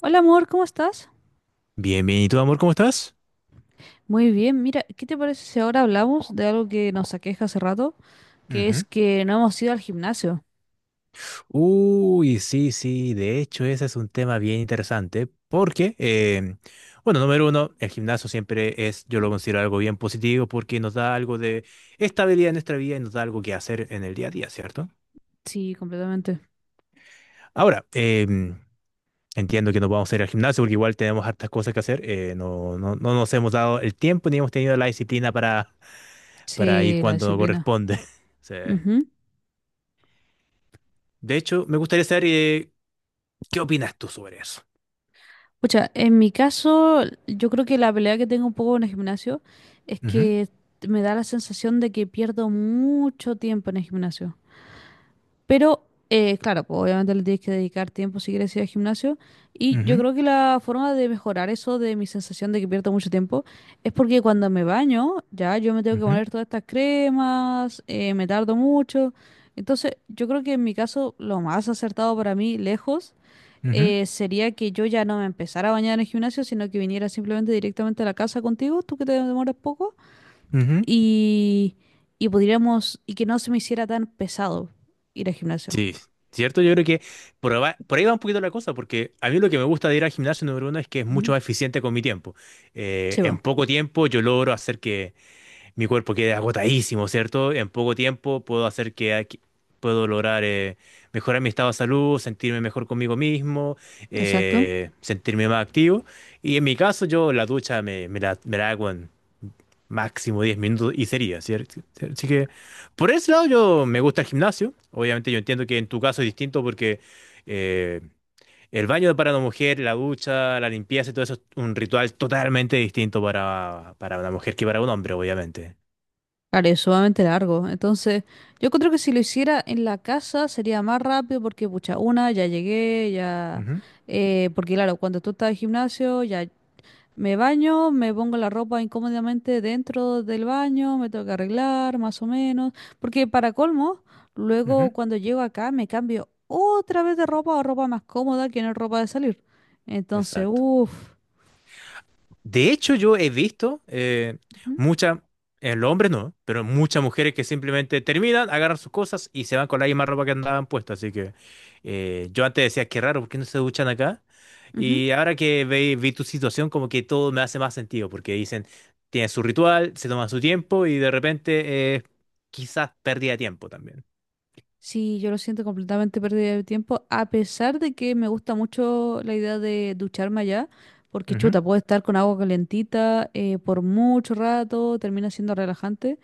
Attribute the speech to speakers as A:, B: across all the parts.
A: Hola amor, ¿cómo estás?
B: Bien, bien. ¿Y tú, amor, cómo estás?
A: Muy bien, mira, ¿qué te parece si ahora hablamos de algo que nos aqueja hace rato? Que es
B: Ujú.
A: que no hemos ido al gimnasio.
B: Uy, sí, sí. De hecho, ese es un tema bien interesante porque, bueno, número uno, el gimnasio siempre es, yo lo considero algo bien positivo porque nos da algo de estabilidad en nuestra vida y nos da algo que hacer en el día a día, ¿cierto?
A: Sí, completamente.
B: Ahora, entiendo que nos vamos a ir al gimnasio porque igual tenemos hartas cosas que hacer. No nos hemos dado el tiempo ni hemos tenido la disciplina para ir
A: Sí, la
B: cuando
A: disciplina.
B: corresponde. Sí.
A: Ujú.
B: De hecho, me gustaría saber, ¿qué opinas tú sobre eso?
A: Pucha, en mi caso, yo creo que la pelea que tengo un poco en el gimnasio es
B: Ujú,
A: que me da la sensación de que pierdo mucho tiempo en el gimnasio. Pero, claro, pues obviamente le tienes que dedicar tiempo si quieres ir al gimnasio. Y yo
B: ujú,
A: creo que la forma de mejorar eso de mi sensación de que pierdo mucho tiempo es porque cuando me baño, ya yo me tengo que
B: ujú,
A: poner todas estas cremas, me tardo mucho. Entonces, yo creo que en mi caso, lo más acertado para mí, lejos,
B: ujú,
A: sería que yo ya no me empezara a bañar en el gimnasio, sino que viniera simplemente directamente a la casa contigo, tú que te demoras poco,
B: ujú.
A: y, y podríamos, y que no se me hiciera tan pesado ir al gimnasio.
B: Sí, cierto, yo creo que por ahí va un poquito la cosa, porque a mí lo que me gusta de ir al gimnasio número uno es que es mucho
A: Ujú.
B: más eficiente con mi tiempo.
A: Sí,
B: En
A: va,
B: poco tiempo yo logro hacer que mi cuerpo quede agotadísimo, ¿cierto? En poco tiempo puedo hacer que puedo lograr mejorar mi estado de salud, sentirme mejor conmigo mismo,
A: exacto.
B: sentirme más activo. Y en mi caso, yo la ducha me la hago en máximo 10 minutos y sería, ¿cierto? Así que por ese lado yo me gusta el gimnasio. Obviamente yo entiendo que en tu caso es distinto porque eh, el baño para una mujer, la ducha, la limpieza y todo eso es un ritual totalmente distinto para una mujer que para un hombre, obviamente.
A: Claro, es sumamente largo. Entonces, yo creo que si lo hiciera en la casa sería más rápido porque, pucha, una, ya llegué, ya.
B: Ujú,
A: Porque, claro, cuando tú estás en el gimnasio, ya me baño, me pongo la ropa incómodamente dentro del baño, me tengo que arreglar, más o menos. Porque, para colmo,
B: ujú.
A: luego cuando llego acá me cambio otra vez de ropa o ropa más cómoda que no es ropa de salir. Entonces,
B: Exacto.
A: uff.
B: De hecho, yo he visto muchas, el hombre no, pero muchas mujeres que simplemente terminan, agarran sus cosas y se van con la misma ropa que andaban puesta. Así que yo antes decía, qué raro, ¿por qué no se duchan acá? Y ahora que vi, tu situación, como que todo me hace más sentido, porque dicen, tienen su ritual, se toman su tiempo y de repente quizás pérdida de tiempo también.
A: Sí, yo lo siento completamente pérdida de tiempo, a pesar de que me gusta mucho la idea de ducharme allá, porque
B: Ujú,
A: chuta, puedo estar con agua calentita por mucho rato, termina siendo relajante,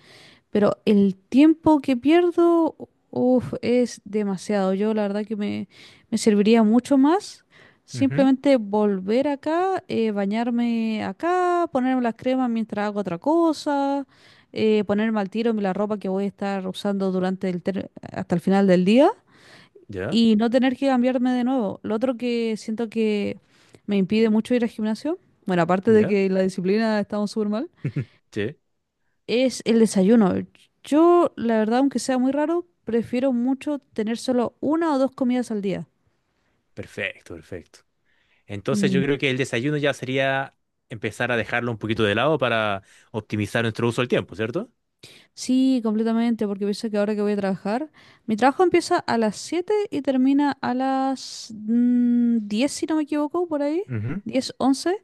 A: pero el tiempo que pierdo, uff, es demasiado. Yo la verdad que me serviría mucho más
B: ujú.
A: simplemente volver acá, bañarme acá, ponerme las cremas mientras hago otra cosa, ponerme al tiro la ropa que voy a estar usando durante hasta el final del día
B: ¿Ya?
A: y no tener que cambiarme de nuevo. Lo otro que siento que me impide mucho ir al gimnasio, bueno, aparte de
B: ¿Ya?
A: que la disciplina estamos súper mal
B: Sí,
A: es el desayuno. Yo, la verdad, aunque sea muy raro, prefiero mucho tener solo una o dos comidas al día.
B: perfecto, perfecto. Entonces
A: Mm.
B: yo creo que el desayuno ya sería empezar a dejarlo un poquito de lado para optimizar nuestro uso del tiempo, ¿cierto?
A: Sí, completamente, porque pienso que ahora que voy a trabajar, mi trabajo empieza a las 7 y termina a las 10, si no me equivoco, por ahí,
B: Ujú.
A: 10 once.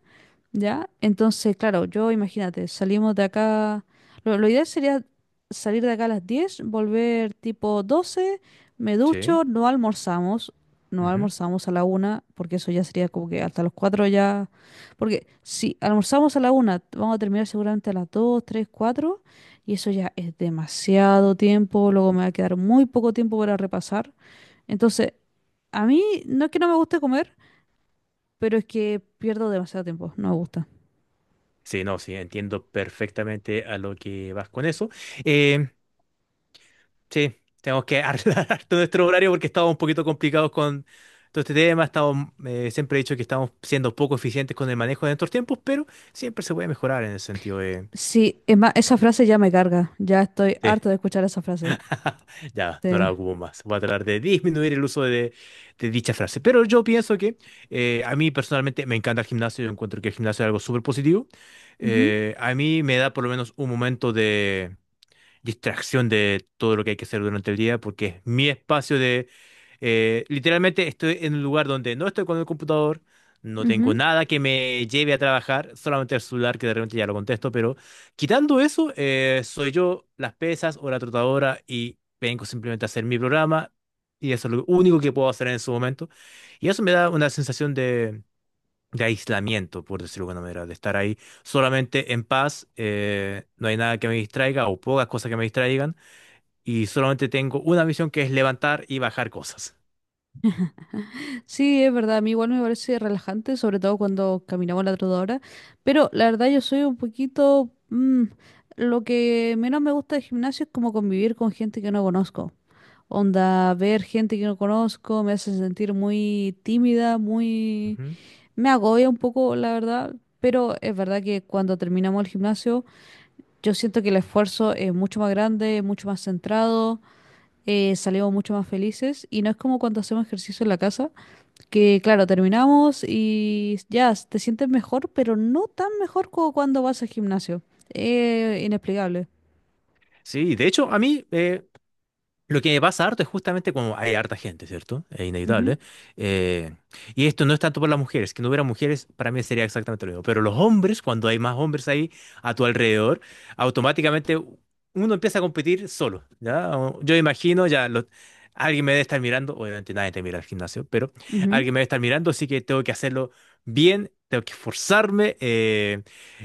A: ¿Ya? Entonces, claro, yo imagínate, salimos de acá, lo ideal sería salir de acá a las 10, volver tipo 12, me
B: Sí.
A: ducho, no almorzamos, no
B: Ujú.
A: almorzamos a la 1, porque eso ya sería como que hasta los 4 ya, porque si almorzamos a la una, vamos a terminar seguramente a las 2, 3, 4, y eso ya es demasiado tiempo, luego me va a quedar muy poco tiempo para repasar. Entonces, a mí no es que no me guste comer, pero es que pierdo demasiado tiempo, no me gusta.
B: Sí, no, sí, entiendo perfectamente a lo que vas con eso. Eh, sí, tenemos que arreglar todo nuestro horario porque estamos un poquito complicados con todo este tema. Siempre he dicho que estamos siendo poco eficientes con el manejo de nuestros tiempos, pero siempre se puede mejorar en el sentido de,
A: Sí, es más, esa frase ya me carga. Ya estoy
B: de-
A: harta de escuchar esa frase.
B: Ya, no la
A: Sí.
B: ocupo más. Voy a tratar de disminuir el uso de dicha frase. Pero yo pienso que a mí personalmente me encanta el gimnasio. Yo encuentro que el gimnasio es algo súper positivo.
A: Ujú,
B: A mí me da por lo menos un momento distracción de todo lo que hay que hacer durante el día, porque es mi espacio de, literalmente estoy en un lugar donde no estoy con el computador, no tengo
A: ujú.
B: nada que me lleve a trabajar, solamente el celular que de repente ya lo contesto, pero quitando eso, soy yo, las pesas o la trotadora y vengo simplemente a hacer mi programa y eso es lo único que puedo hacer en su momento. Y eso me da una sensación de aislamiento, por decirlo de alguna manera, de estar ahí solamente en paz, no hay nada que me distraiga o pocas cosas que me distraigan, y solamente tengo una misión que es levantar y bajar cosas.
A: Sí, es verdad. A mí igual me parece relajante, sobre todo cuando caminamos la trotadora. Pero la verdad yo soy un poquito. Lo que menos me gusta del gimnasio es como convivir con gente que no conozco. Onda, ver gente que no conozco me hace sentir muy tímida.
B: Ujú.
A: Me agobia un poco, la verdad. Pero es verdad que cuando terminamos el gimnasio. Yo siento que el esfuerzo es mucho más grande, mucho más centrado, salimos mucho más felices y no es como cuando hacemos ejercicio en la casa, que claro, terminamos y ya, te sientes mejor, pero no tan mejor como cuando vas al gimnasio. Inexplicable.
B: Sí, de hecho, a mí, lo que me pasa harto es justamente como hay harta gente, ¿cierto? Es
A: Ujú,
B: inevitable. eh, y esto no es tanto por las mujeres, que no hubiera mujeres para mí sería exactamente lo mismo. Pero los hombres, cuando hay más hombres ahí a tu alrededor, automáticamente uno empieza a competir solo, ¿ya? Yo imagino, alguien me debe estar mirando, obviamente nadie te mira al gimnasio, pero
A: ujú.
B: alguien me debe estar mirando, así que tengo que hacerlo bien, tengo que esforzarme. eh,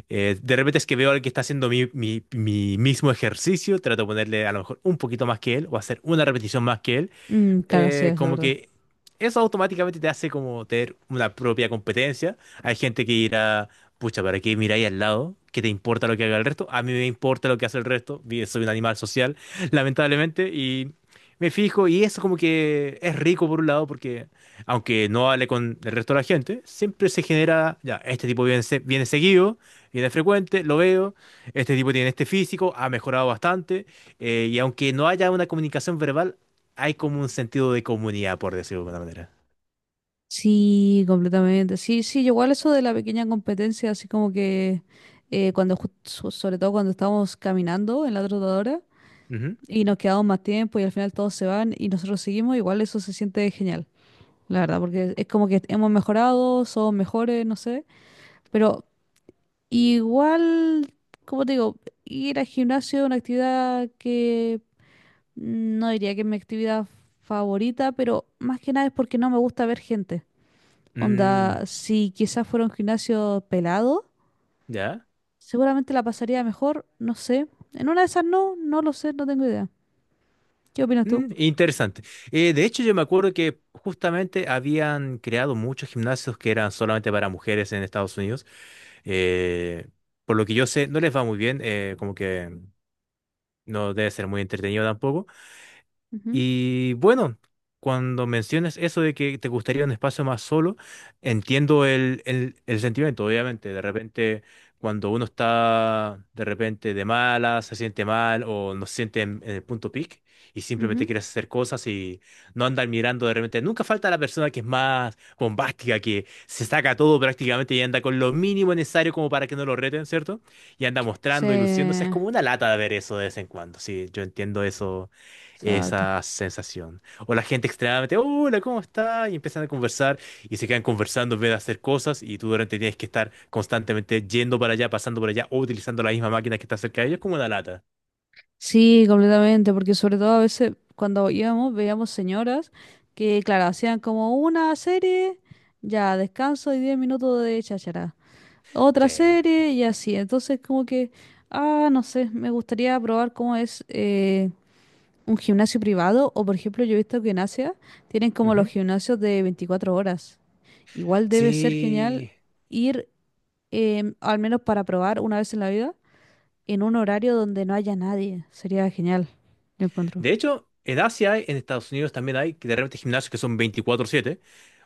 B: eh, De repente es que veo al que está haciendo mi mismo ejercicio, trato de ponerle a lo mejor un poquito más que él o hacer una repetición más que él,
A: Mm, claro, sí, eso es
B: como
A: verdad.
B: que eso automáticamente te hace como tener una propia competencia. Hay gente que irá, pucha, ¿para qué miráis al lado? ¿Qué te importa lo que haga el resto? A mí me importa lo que hace el resto. Soy un animal social, lamentablemente, y me fijo, y eso como que es rico por un lado, porque aunque no hable con el resto de la gente, siempre se genera, ya, este tipo viene, viene seguido, viene frecuente, lo veo, este tipo tiene este físico, ha mejorado bastante, y aunque no haya una comunicación verbal, hay como un sentido de comunidad, por decirlo de alguna manera.
A: Sí, completamente. Sí, sí, yo igual eso de la pequeña competencia, así como que cuando, sobre todo cuando estábamos caminando en la trotadora,
B: Ujú.
A: y nos quedamos más tiempo y al final todos se van y nosotros seguimos, igual eso se siente genial, la verdad, porque es como que hemos mejorado, somos mejores, no sé, pero igual, como te digo, ir al gimnasio es una actividad que no diría que es mi actividad favorita, pero más que nada es porque no me gusta ver gente.
B: Mm,
A: Onda, si quizás fuera un gimnasio pelado,
B: ya.
A: seguramente la pasaría mejor, no sé. En una de esas no, no lo sé, no tengo idea. ¿Qué opinas tú?
B: Mm, interesante. De hecho, yo me acuerdo que justamente habían creado muchos gimnasios que eran solamente para mujeres en Estados Unidos. Eh, por lo que yo sé, no les va muy bien, como que no debe ser muy entretenido tampoco.
A: Ujú,
B: Y bueno, cuando mencionas eso de que te gustaría un espacio más solo, entiendo el sentimiento, obviamente. De repente, cuando uno está de repente de mala, se siente mal o no se siente en el punto peak y simplemente
A: ujú.
B: quieres hacer cosas y no andar mirando de repente. Nunca falta la persona que es más bombástica, que se saca todo prácticamente y anda con lo mínimo necesario como para que no lo reten, ¿cierto? Y anda
A: Sí,
B: mostrando y luciéndose. Es como una lata de ver eso de vez en cuando. Sí, yo entiendo eso
A: exacto.
B: esa sensación. O la gente extremadamente, hola, ¿cómo está? Y empiezan a conversar y se quedan conversando en vez de hacer cosas y tú durante tienes que estar constantemente yendo para allá, pasando por allá o utilizando la misma máquina que está cerca de ellos como una lata.
A: Sí, completamente, porque sobre todo a veces cuando íbamos veíamos señoras que, claro, hacían como una serie, ya descanso y 10 minutos de cháchara. Otra
B: Sí.
A: serie y así. Entonces, como que, ah, no sé, me gustaría probar cómo es un gimnasio privado o, por ejemplo, yo he visto que en Asia tienen como los
B: Ujú.
A: gimnasios de 24 horas. Igual debe ser genial
B: Sí.
A: ir, al menos para probar una vez en la vida en un horario donde no haya nadie. Sería genial, yo encuentro.
B: De hecho, en Asia, en Estados Unidos también hay que de repente gimnasios que son 24/7.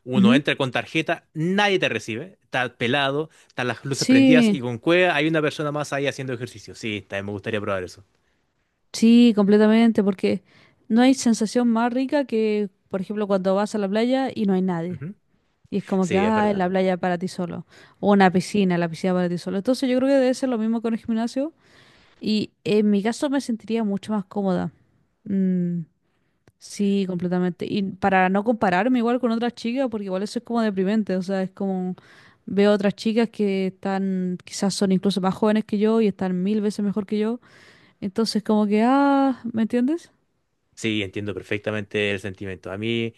B: Uno
A: Ujú.
B: entra con tarjeta, nadie te recibe, está pelado, están las luces prendidas
A: Sí,
B: y con cueva hay una persona más ahí haciendo ejercicio. Sí, también me gustaría probar eso.
A: sí, completamente, porque no hay sensación más rica que, por ejemplo, cuando vas a la playa y no hay nadie.
B: Ujú.
A: Y es como que,
B: Sí, es
A: ah, la
B: verdad.
A: playa para ti solo. O una piscina, la piscina para ti solo. Entonces yo creo que debe ser lo mismo con el gimnasio. Y en mi caso me sentiría mucho más cómoda. Mm. Sí, completamente. Y para no compararme igual con otras chicas, porque igual eso es como deprimente, o sea, es como veo otras chicas que están, quizás son incluso más jóvenes que yo y están mil veces mejor que yo, entonces como que, ah, ¿me entiendes?
B: Sí, entiendo perfectamente el sentimiento. A mí,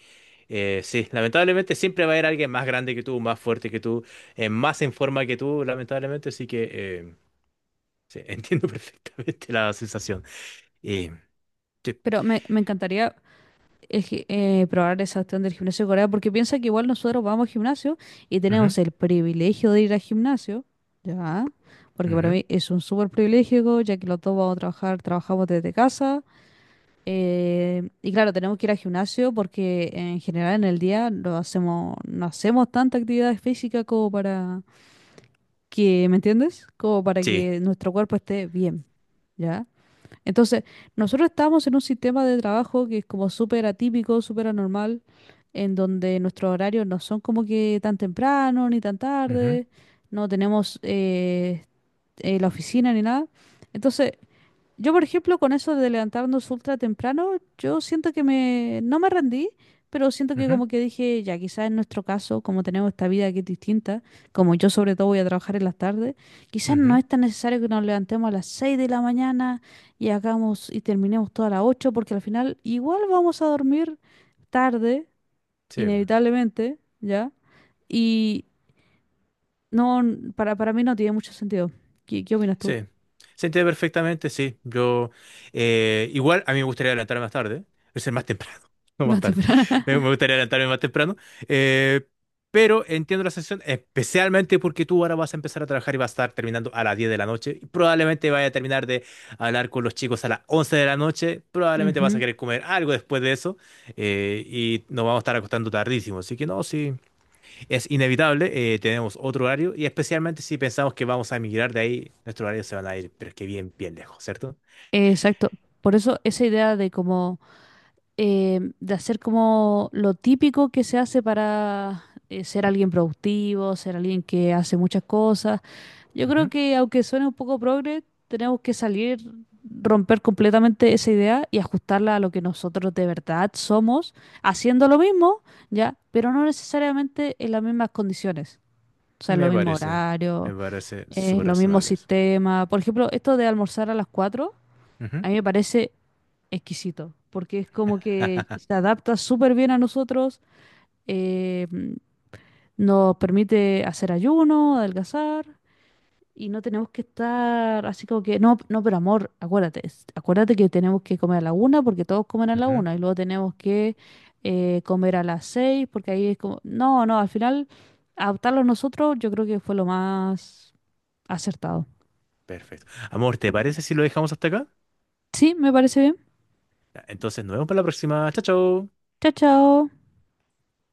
B: sí, lamentablemente siempre va a haber alguien más grande que tú, más fuerte que tú, más en forma que tú, lamentablemente, así que sí, entiendo perfectamente la sensación. Y, sí,
A: Pero me encantaría probar esa opción del gimnasio de Corea, porque piensa que igual nosotros vamos al gimnasio y tenemos
B: ujú,
A: el privilegio de ir al gimnasio, ¿ya? Porque para
B: ujú,
A: mí es un súper privilegio, ya que los dos vamos a trabajar, trabajamos desde casa. Y claro, tenemos que ir al gimnasio porque en general en el día no hacemos tanta actividad física como para que, ¿me entiendes? Como para
B: sí,
A: que nuestro cuerpo esté bien, ¿ya? Entonces, nosotros estamos en un sistema de trabajo que es como súper atípico, súper anormal, en donde nuestros horarios no son como que tan temprano ni tan
B: ujú,
A: tarde, no tenemos la oficina ni nada. Entonces, yo, por ejemplo, con eso de levantarnos ultra temprano, yo siento que no me rendí, pero siento que
B: ujú,
A: como que dije, ya quizás en nuestro caso, como tenemos esta vida que es distinta, como yo sobre todo voy a trabajar en las tardes, quizás no
B: ujú,
A: es tan necesario que nos levantemos a las 6 de la mañana y hagamos y terminemos todas las 8, porque al final igual vamos a dormir tarde,
B: sí.
A: inevitablemente, ¿ya? Y no, para mí no tiene mucho sentido. ¿Qué opinas tú?
B: Sí, se entiende perfectamente, sí. Yo, igual a mí me gustaría adelantarme más tarde, es más temprano, no
A: Más
B: más tarde.
A: temprano.
B: Me gustaría adelantarme más temprano, eh, pero entiendo la sensación, especialmente porque tú ahora vas a empezar a trabajar y vas a estar terminando a las 10 de la noche. Y probablemente vaya a terminar de hablar con los chicos a las 11 de la noche. Probablemente vas a querer comer algo después de eso, y nos vamos a estar acostando tardísimo. Así que no, sí es inevitable, tenemos otro horario y especialmente si pensamos que vamos a emigrar de ahí, nuestros horarios se van a ir, pero es que bien, bien lejos, ¿cierto?
A: Exacto. Por eso esa idea de como de hacer como lo típico que se hace para ser alguien productivo, ser alguien que hace muchas cosas. Yo creo
B: Ujú.
A: que aunque suene un poco progre, tenemos que salir, romper completamente esa idea y ajustarla a lo que nosotros de verdad somos, haciendo lo mismo, ya, pero no necesariamente en las mismas condiciones. O sea, en los
B: Me
A: mismos
B: parece,
A: horarios,
B: me parece
A: en
B: súper
A: los mismos
B: razonable eso.
A: sistemas. Por ejemplo, esto de almorzar a las 4,
B: Ujú.
A: a mí me parece exquisito, porque es como que se adapta súper bien a nosotros, eh, mm, nos permite hacer ayuno, adelgazar, y no tenemos que estar así como que, no, no, pero amor, acuérdate, acuérdate que tenemos que comer a la una porque todos comen a la
B: Ujú.
A: una, y luego tenemos que comer a las 6, porque ahí es como, no, no, al final adaptarlo nosotros yo creo que fue lo más acertado.
B: Perfecto. Amor, ¿te parece si lo dejamos hasta acá?
A: Sí, me parece bien.
B: Ya, entonces nos vemos para la próxima. Chao, chao.
A: Chao, chao.